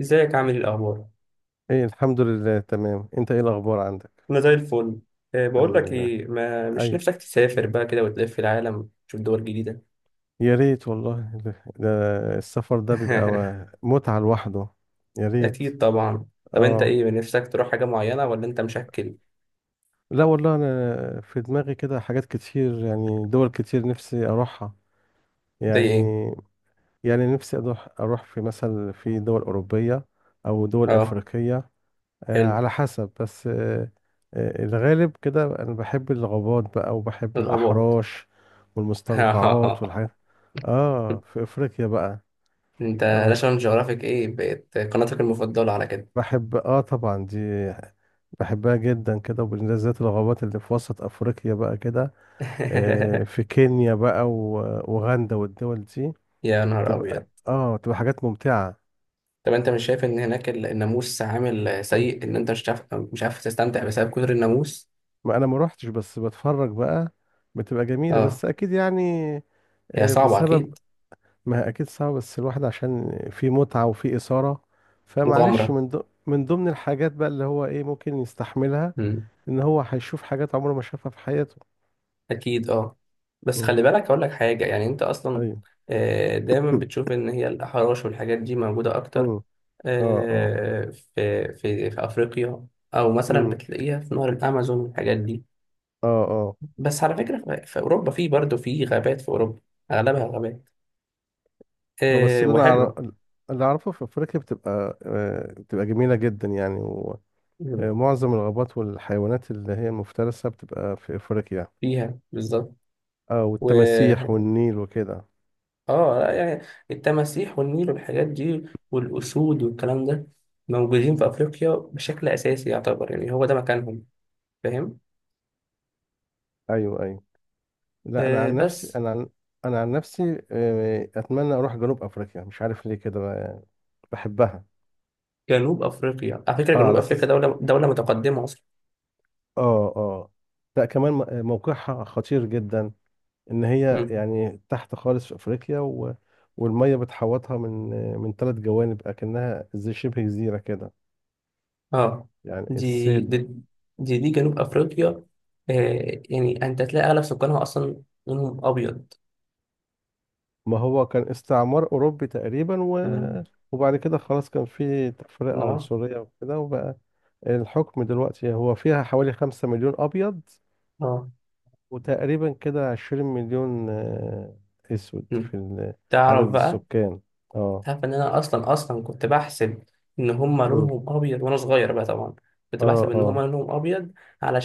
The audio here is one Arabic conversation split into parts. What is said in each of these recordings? ازيك عامل ايه الاخبار؟ ايه، الحمد لله تمام. انت ايه الاخبار عندك؟ انا زي الفل. بقول الحمد لك لله. ايه، ما مش ايوه. نفسك تسافر بقى كده وتلف العالم تشوف دول جديده؟ يا ريت والله. ده السفر ده بيبقى متعة لوحده. يا ريت. اكيد طبعا. طب انت اه. ايه نفسك تروح حاجه معينه ولا انت مشكل؟ لا والله انا في دماغي كده حاجات كتير، يعني دول كتير نفسي اروحها. زي يعني ايه؟ يعني نفسي اروح في مثلا في دول اوروبية او دول اه، افريقية. حلو. على حسب بس. الغالب كده انا بحب الغابات بقى وبحب الغابات. الاحراش والمستنقعات والحاجات. اه في افريقيا بقى. انت اه ناشونال جيوغرافيك ايه بقت قناتك المفضله على كده؟ بحب اه طبعا دي، بحبها جدا كده، وبالذات الغابات اللي في وسط افريقيا بقى كده. آه في كينيا بقى واوغندا والدول دي. يا نهار تبقى ابيض. اه تبقى حاجات ممتعة. طب انت مش شايف ان هناك الناموس عامل سيء، ان انت مش عارف تستمتع بسبب كتر الناموس؟ ما انا ما روحتش، بس بتفرج بقى، بتبقى جميلة اه، بس اكيد يعني. هي صعبه بسبب. اكيد. ما هي اكيد صعب، بس الواحد عشان في متعة وفي إثارة، فمعلش مغامره. من ضمن الحاجات بقى اللي هو ايه ممكن يستحملها. مم. ان هو هيشوف حاجات عمره ما شافها في حياته. اكيد اه. بس اه خلي بالك اقول لك حاجه، يعني انت اصلا ايوه. دايما بتشوف ان هي الاحراش والحاجات دي موجوده اكتر امم اه اه. آه، في افريقيا، او مثلا امم بتلاقيها في نهر الامازون والحاجات دي. اه اه. بس على فكره في في اوروبا، في برضه في غابات في اوروبا، اغلبها غابات بس اللي انا أعرف... وحلوه. اللي اعرفه في افريقيا بتبقى، بتبقى جميلة جدا يعني. مم. ومعظم الغابات والحيوانات اللي هي المفترسة بتبقى في افريقيا. فيها بالظبط. اه، و والتماسيح والنيل وكده. اه، لا يعني التماسيح والنيل والحاجات دي والاسود والكلام ده موجودين في افريقيا بشكل اساسي، يعتبر يعني هو ده مكانهم. فاهم؟ ايوه ايوه. لا انا آه عن نفسي بس، انا عن انا عن نفسي اتمنى اروح جنوب افريقيا، مش عارف ليه كده. بحبها. جنوب افريقيا على فكره، اه جنوب على افريقيا اساس. دوله متقدمه اصلا. اه اه. لا كمان موقعها خطير جدا، ان هي مم. يعني تحت خالص في افريقيا و... والميه بتحوطها من من 3 جوانب، اكنها زي شبه جزيره كده. اه، يعني دي دي الصيد. دي جنوب افريقيا. يعني انت تلاقي اغلب سكانها اصلا لونهم ابيض. ما هو كان استعمار اوروبي تقريبا و... مم. وبعد كده خلاص كان في تفرقه اه، عنصريه وكده، وبقى الحكم دلوقتي. هو فيها حوالي 5 مليون ابيض، اه. وتقريبا كده 20 مليون اسود مم. في تعرف عدد بقى، السكان. اه. تعرف ان انا اصلا اصلا كنت بحسب ان هما مم. لونهم ابيض. وانا صغير بقى طبعا كنت اه بحسب ان هما اه لونهم ابيض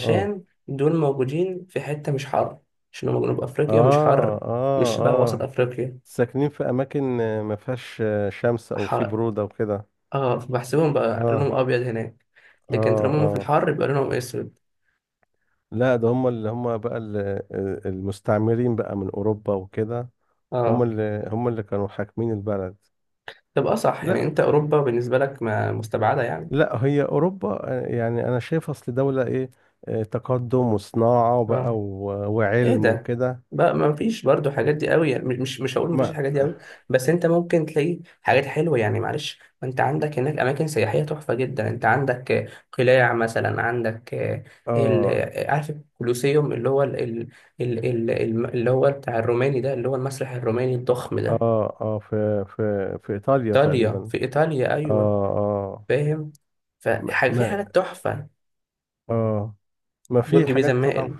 اه دول موجودين في حته مش حر، عشان هما جنوب افريقيا مش حر، اه. مش اه شبه وسط اه. افريقيا. ساكنين في اماكن ما فيهاش شمس، او في حر. برودة وكده. اه، فبحسبهم بقى لونهم اه ابيض هناك، لكن اه طالما هما في اه. الحر يبقى لونهم اسود. لا ده هم اللي هم بقى المستعمرين بقى من اوروبا وكده. هم اه. اللي هم اللي كانوا حاكمين البلد. تبقى صح، يعني لا انت اوروبا بالنسبه لك ما مستبعده يعني. لا، هي اوروبا، يعني انا شايف اصل دولة ايه، تقدم وصناعة بقى اه. ايه وعلم ده وكده. بقى؟ ما فيش برضو حاجات دي قوي، يعني مش هقول ما فيش ما الحاجات دي قوي، بس انت ممكن تلاقي حاجات حلوه يعني معلش. ما انت عندك هناك اماكن سياحيه تحفه جدا، انت عندك قلاع مثلا، عندك آه، ال اه آه، عارف الكولوسيوم اللي هو اللي هو بتاع الروماني ده، اللي هو المسرح الروماني الضخم ده. اه. اه في في في ايطاليا ايطاليا، تقريبا. في ايطاليا، اه ايوه. اه. فاهم؟ ما فحاجه في ما- حاجات تحفه. اه، ما في برج بيزا حاجات طبعا. مائل.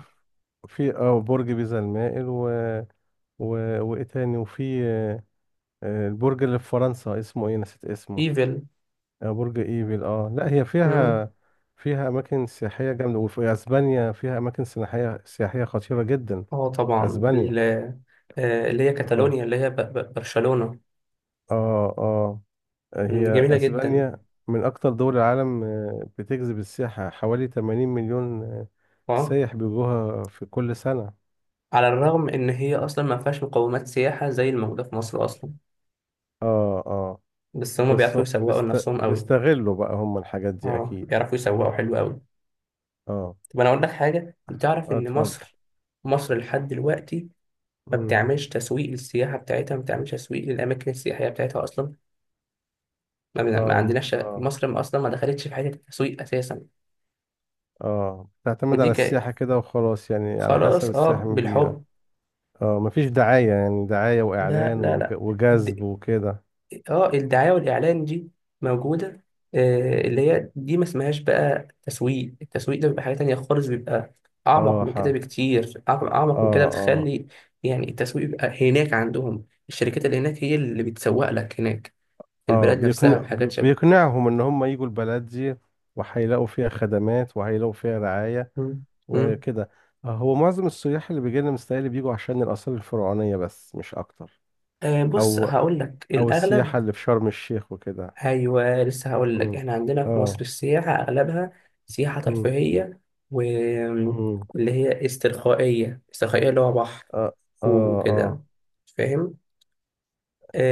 في اه برج بيزا المائل و و وايه تاني، وفي البرج اللي في فرنسا اسمه ايه، نسيت اسمه. ايفل. برج ايفل، اه. لا هي إمم. فيها، فيها اماكن سياحيه جامده، وفي اسبانيا فيها اماكن سياحيه خطيره جدا. اه طبعا اسبانيا. اللي هي اه كاتالونيا، اللي هي برشلونة. اه اه. هي جميلة جدا. اسبانيا من اكتر دول العالم بتجذب السياحه، حوالي 80 مليون اه، سايح بيجوها في كل سنه. على الرغم ان هي اصلا ما فيهاش مقومات سياحة زي الموجودة في مصر اصلا، اه اه. بس هما بيعرفوا يسوقوا لنفسهم قوي. بيستغلوا بقى هم الحاجات دي اه، اكيد. بيعرفوا يسوقوا حلو قوي. اه. طب انا اقول لك حاجة، بتعرف ان اتفضل. مصر، مصر لحد دلوقتي ما مم. بتعملش تسويق للسياحة بتاعتها، ما بتعملش تسويق للأماكن السياحية بتاعتها أصلا. ما, بن- ما اه عندناش شغ- اه مصر ما أصلا ما دخلتش في حتة التسويق أساسا. اه. تعتمد ودي على ك... السياحة كده وخلاص، يعني على خلاص، حسب اه، السائح مين بيجي. بالحب. اه مفيش دعاية، يعني دعاية لا، وإعلان لا، لا. وجذب وكده. اه، الدعاية والإعلان دي موجودة، اللي هي دي ما اسمهاش بقى تسويق. التسويق ده بيبقى حاجة تانية خالص، بيبقى أعمق اه من ح- كده اه. بكتير، أعمق من كده، اه بتخلي يعني التسويق بيبقى هناك عندهم. الشركات اللي هناك هي اللي بتسوق لك هناك في اه. البلاد بيقنع نفسها وحاجات شبه. بيقنعهم إن هم يجوا البلد دي، وهيلاقوا فيها خدمات وهيلاقوا فيها رعاية مم. مم. وكده. هو معظم السياح اللي بيجي لنا مستاهل بيجوا عشان الآثار الفرعونية بس، مش أكتر. بص، أو هقول لك أو الأغلب. السياحة اللي في شرم الشيخ وكده. أيوه، لسه هقول لك، مم. إحنا عندنا في مصر اه. السياحة أغلبها سياحة مم. ترفيهية، مم. واللي هي استرخائية، استرخائية اللي هو بحر اه اه اه. وكده. فاهم؟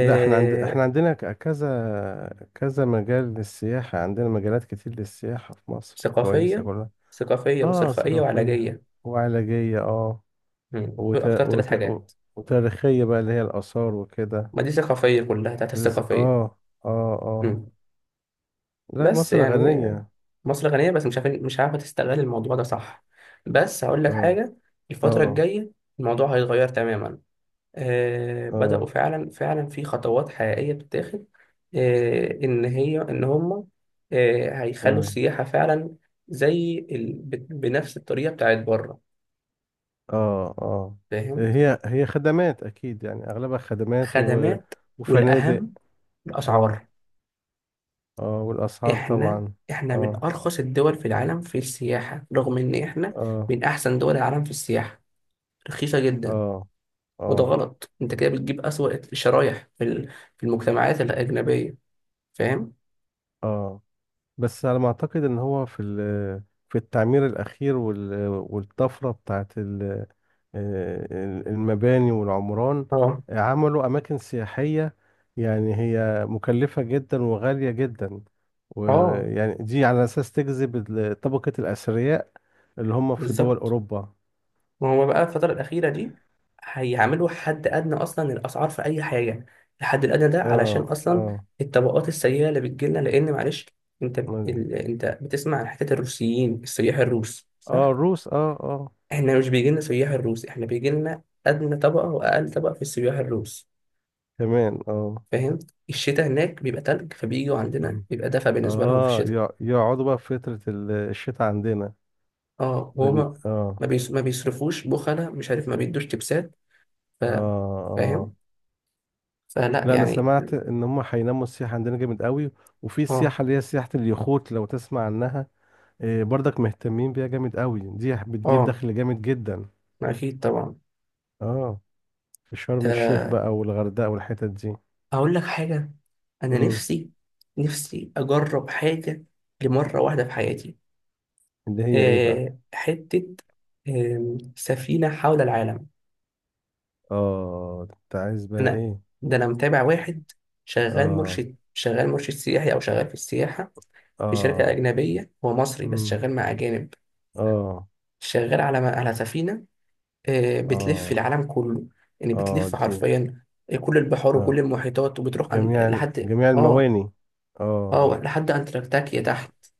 لا احنا عند... احنا عندنا ك- كذا كذا مجال للسياحة، عندنا مجالات كتير للسياحة في مصر، كويسة ثقافية، كلها. ثقافية اه، وسلخائية ثقافية وعلاجية. وعلاجية، اه. مم. دول وت... أكتر ثلاث وت... و- حاجات. وتاريخية بقى اللي هي الآثار وكده. ما دي ثقافية كلها، بتاعت لسه الثقافية. اه. اه اه. مم. لا بس مصر يعني غنية. مصر غنية، بس مش عارفين مش عارفة تستغل الموضوع ده، صح؟ بس هقول لك اه حاجة، الفترة اه الجاية الموضوع هيتغير تماما. بدأوا اه فعلا، فعلا في خطوات حقيقية بتتاخد. إن هم هيخلوا اه السياحة فعلا زي ال... بنفس الطريقة بتاعت بره. اه اه. فاهم؟ هي هي خدمات أكيد، يعني أغلبها خدمات و... خدمات. وفنادق. والأهم اه. الأسعار. اه والأسعار إحنا طبعا. إحنا من اه أرخص الدول في العالم في السياحة، رغم إن إحنا اه من أحسن دول العالم في السياحة. رخيصة جدا. اه وده اه غلط، أنت كده بتجيب أسوأ الشرايح في المجتمعات الأجنبية. فاهم؟ اه. بس على ما اعتقد ان هو في في التعمير الاخير والطفره بتاعت المباني والعمران، اه، عملوا اماكن سياحيه، يعني هي مكلفه جدا وغاليه جدا، اه، ويعني دي على اساس تجذب طبقه الاثرياء اللي هم في دول بالظبط. اوروبا. ما هو بقى الفترة الأخيرة دي هيعملوا حد أدنى أصلا للأسعار في أي حاجة. الحد الأدنى ده علشان اه أصلا اه. الطبقات السيئة اللي بتجيلنا، لأن معلش. أنت بتسمع عن حتة الروسيين، السياح الروس، اه صح؟ الروس، اه اه إحنا مش بيجيلنا سياح الروس، إحنا بيجيلنا أدنى طبقة وأقل طبقة في السياح الروس. كمان. اه فاهم؟ الشتاء هناك بيبقى تلج، فبييجوا عندنا بيبقى دفا بالنسبة لهم في اه، الشتاء. يقعدوا بقى في فترة الشتاء عندنا. اه، بن... وهما اه. ما بيصرفوش، بخلة، مش عارف ما بيدوش تبسات. ف... اه اه. فاهم؟ فلا لا انا يعني. سمعت ان هم هيناموا السياحة عندنا جامد قوي، وفي اه، السياحة اللي هي سياحة اليخوت لو تسمع عنها، إيه برضك مهتمين بيها جامد قوي، دي بتجيب اه، دخل جامد جدا. اكيد طبعا. اه في شرم الشيخ ده بقى والغردقة والحتت دي. اقول لك حاجه، انا امم. نفسي اجرب حاجه لمره واحده في حياتي. اللي هي ايه بقى؟ أه حته آم، سفينه حول العالم. اه ده انت عايز بقى انا، ايه؟ ده انا متابع واحد اه شغال مرشد سياحي، او شغال في السياحه في شركه اه. اجنبيه، هو مصري بس امم. شغال مع اجانب، اه شغال على سفينه. بتلف اه. العالم كله، يعني اه بتلف دي. حرفيا كل البحار اه وكل المحيطات، وبتروح جميع المواني. اه لحد انتاركتيكا تحت.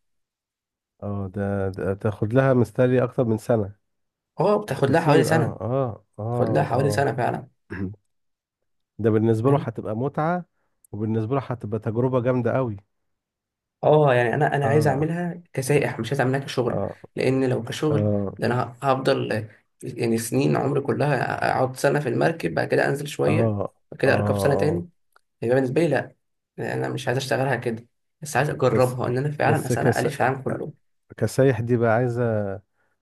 اه. ده، ده تاخد لها مستري اكتر من سنة. اه، بتاخد لها حوالي كتير، سنة، اه اه اه بتاخد لها حوالي اه. سنة فعلا. ده بالنسبة له فاهم؟ هتبقى متعة، وبالنسبة له هتبقى تجربة جامدة قوي. اه، يعني انا عايز اه اعملها كسائح، مش عايز اعملها كشغل. اه لان لو كشغل اه ده انا هفضل يعني سنين عمري كلها، اقعد سنة في المركب بعد كده انزل اه شوية، بعد اه كده اركب سنة اه. تاني. يبقى بالنسبة لي لا، يعني انا مش عايز اشتغلها كده، بس عايز بس اجربها ان انا فعلا بس سنة كس... الف في العالم كله. كسايح دي بقى عايزة،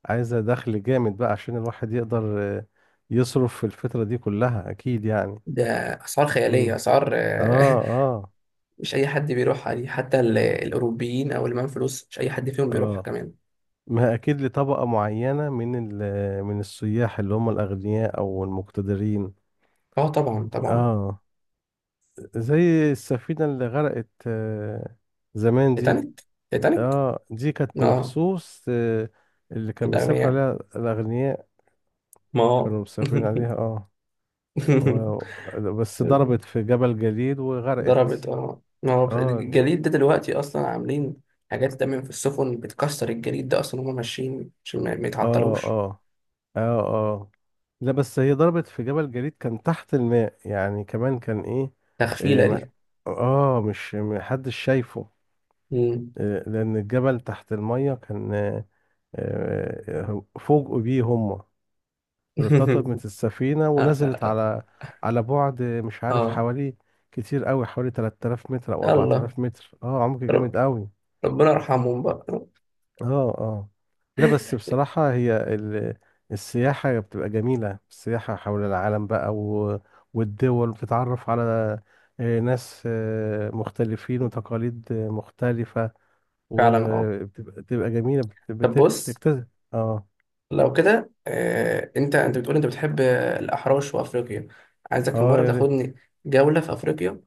عايزة دخل جامد بقى، عشان الواحد يقدر يصرف في الفترة دي كلها اكيد يعني. ده اسعار مم. خيالية، اسعار. اه اه مش اي حد بيروحها دي، حتى الاوروبيين او اللي معاهم فلوس مش اي حد فيهم بيروحها اه. كمان. ما اكيد لطبقة معينة من من السياح اللي هم الاغنياء او المقتدرين. اه، طبعا طبعا. اه. زي السفينة اللي غرقت زمان دي. تيتانيك. تيتانيك اه دي كانت اه، مخصوص، اللي كان بيسافر الأغنياء. عليها الاغنياء، ما هو. كانوا مسافرين عليها، اه. بس ضربت في جبل جليد ضربت، وغرقت. ما هو اه الجليد ده دلوقتي أصلا عاملين حاجات دايما في السفن بتكسر الجليد، ده أصلا هما ماشيين عشان ما اه يتعطلوش. اه اه اه. لا بس هي ضربت في جبل جليد كان تحت الماء، يعني كمان كان ايه. إيه تخفيلة ما، دي. اه، مش محدش شايفه، مم. إيه، لان الجبل تحت المية كان فوجئوا بيه هما. ارتطمت السفينة اه، ونزلت آه. على على بعد، مش عارف اه، حوالي، كتير قوي، حوالي 3000 متر او يلا. 4000 متر، اه عمق رب- جامد قوي. ربنا يرحمهم بقى. اه اه. لا بس بصراحة هي السياحة بتبقى جميلة، السياحة حول العالم بقى و... والدول بتتعرف على ناس مختلفين، وتقاليد مختلفة، فعلا اه. وبتبقى جميلة، طب بص، بتكتسب. اه لو كده انت بتقول انت بتحب الاحراش وافريقيا، عايزك اه. المره يا ريت. تاخدني جوله في افريقيا،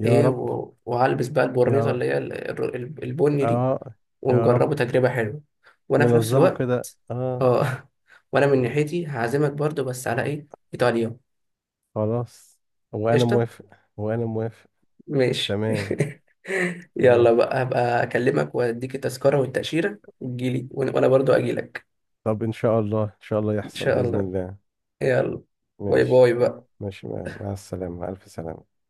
يا ايه، رب. وهلبس بقى يا البورنيطه رب. اللي هي البني دي، اه. يا رب. ونجربه تجربه حلوه، وانا في نفس ننظمه الوقت كده، اه. اه. وانا من ناحيتي هعزمك برضو، بس على ايه؟ ايطاليا. خلاص وانا قشطه. موافق. وانا موافق. ماشي. تمام. يلا تمام. بقى، هبقى اكلمك واديك التذكره والتاشيره وتجيلي، وانا برضو اجيلك طب ان شاء الله، ان شاء الله ان يحصل شاء بإذن الله. الله. يلا، باي ماشي. باي بقى. ماشي، مع السلامة، ألف سلامة.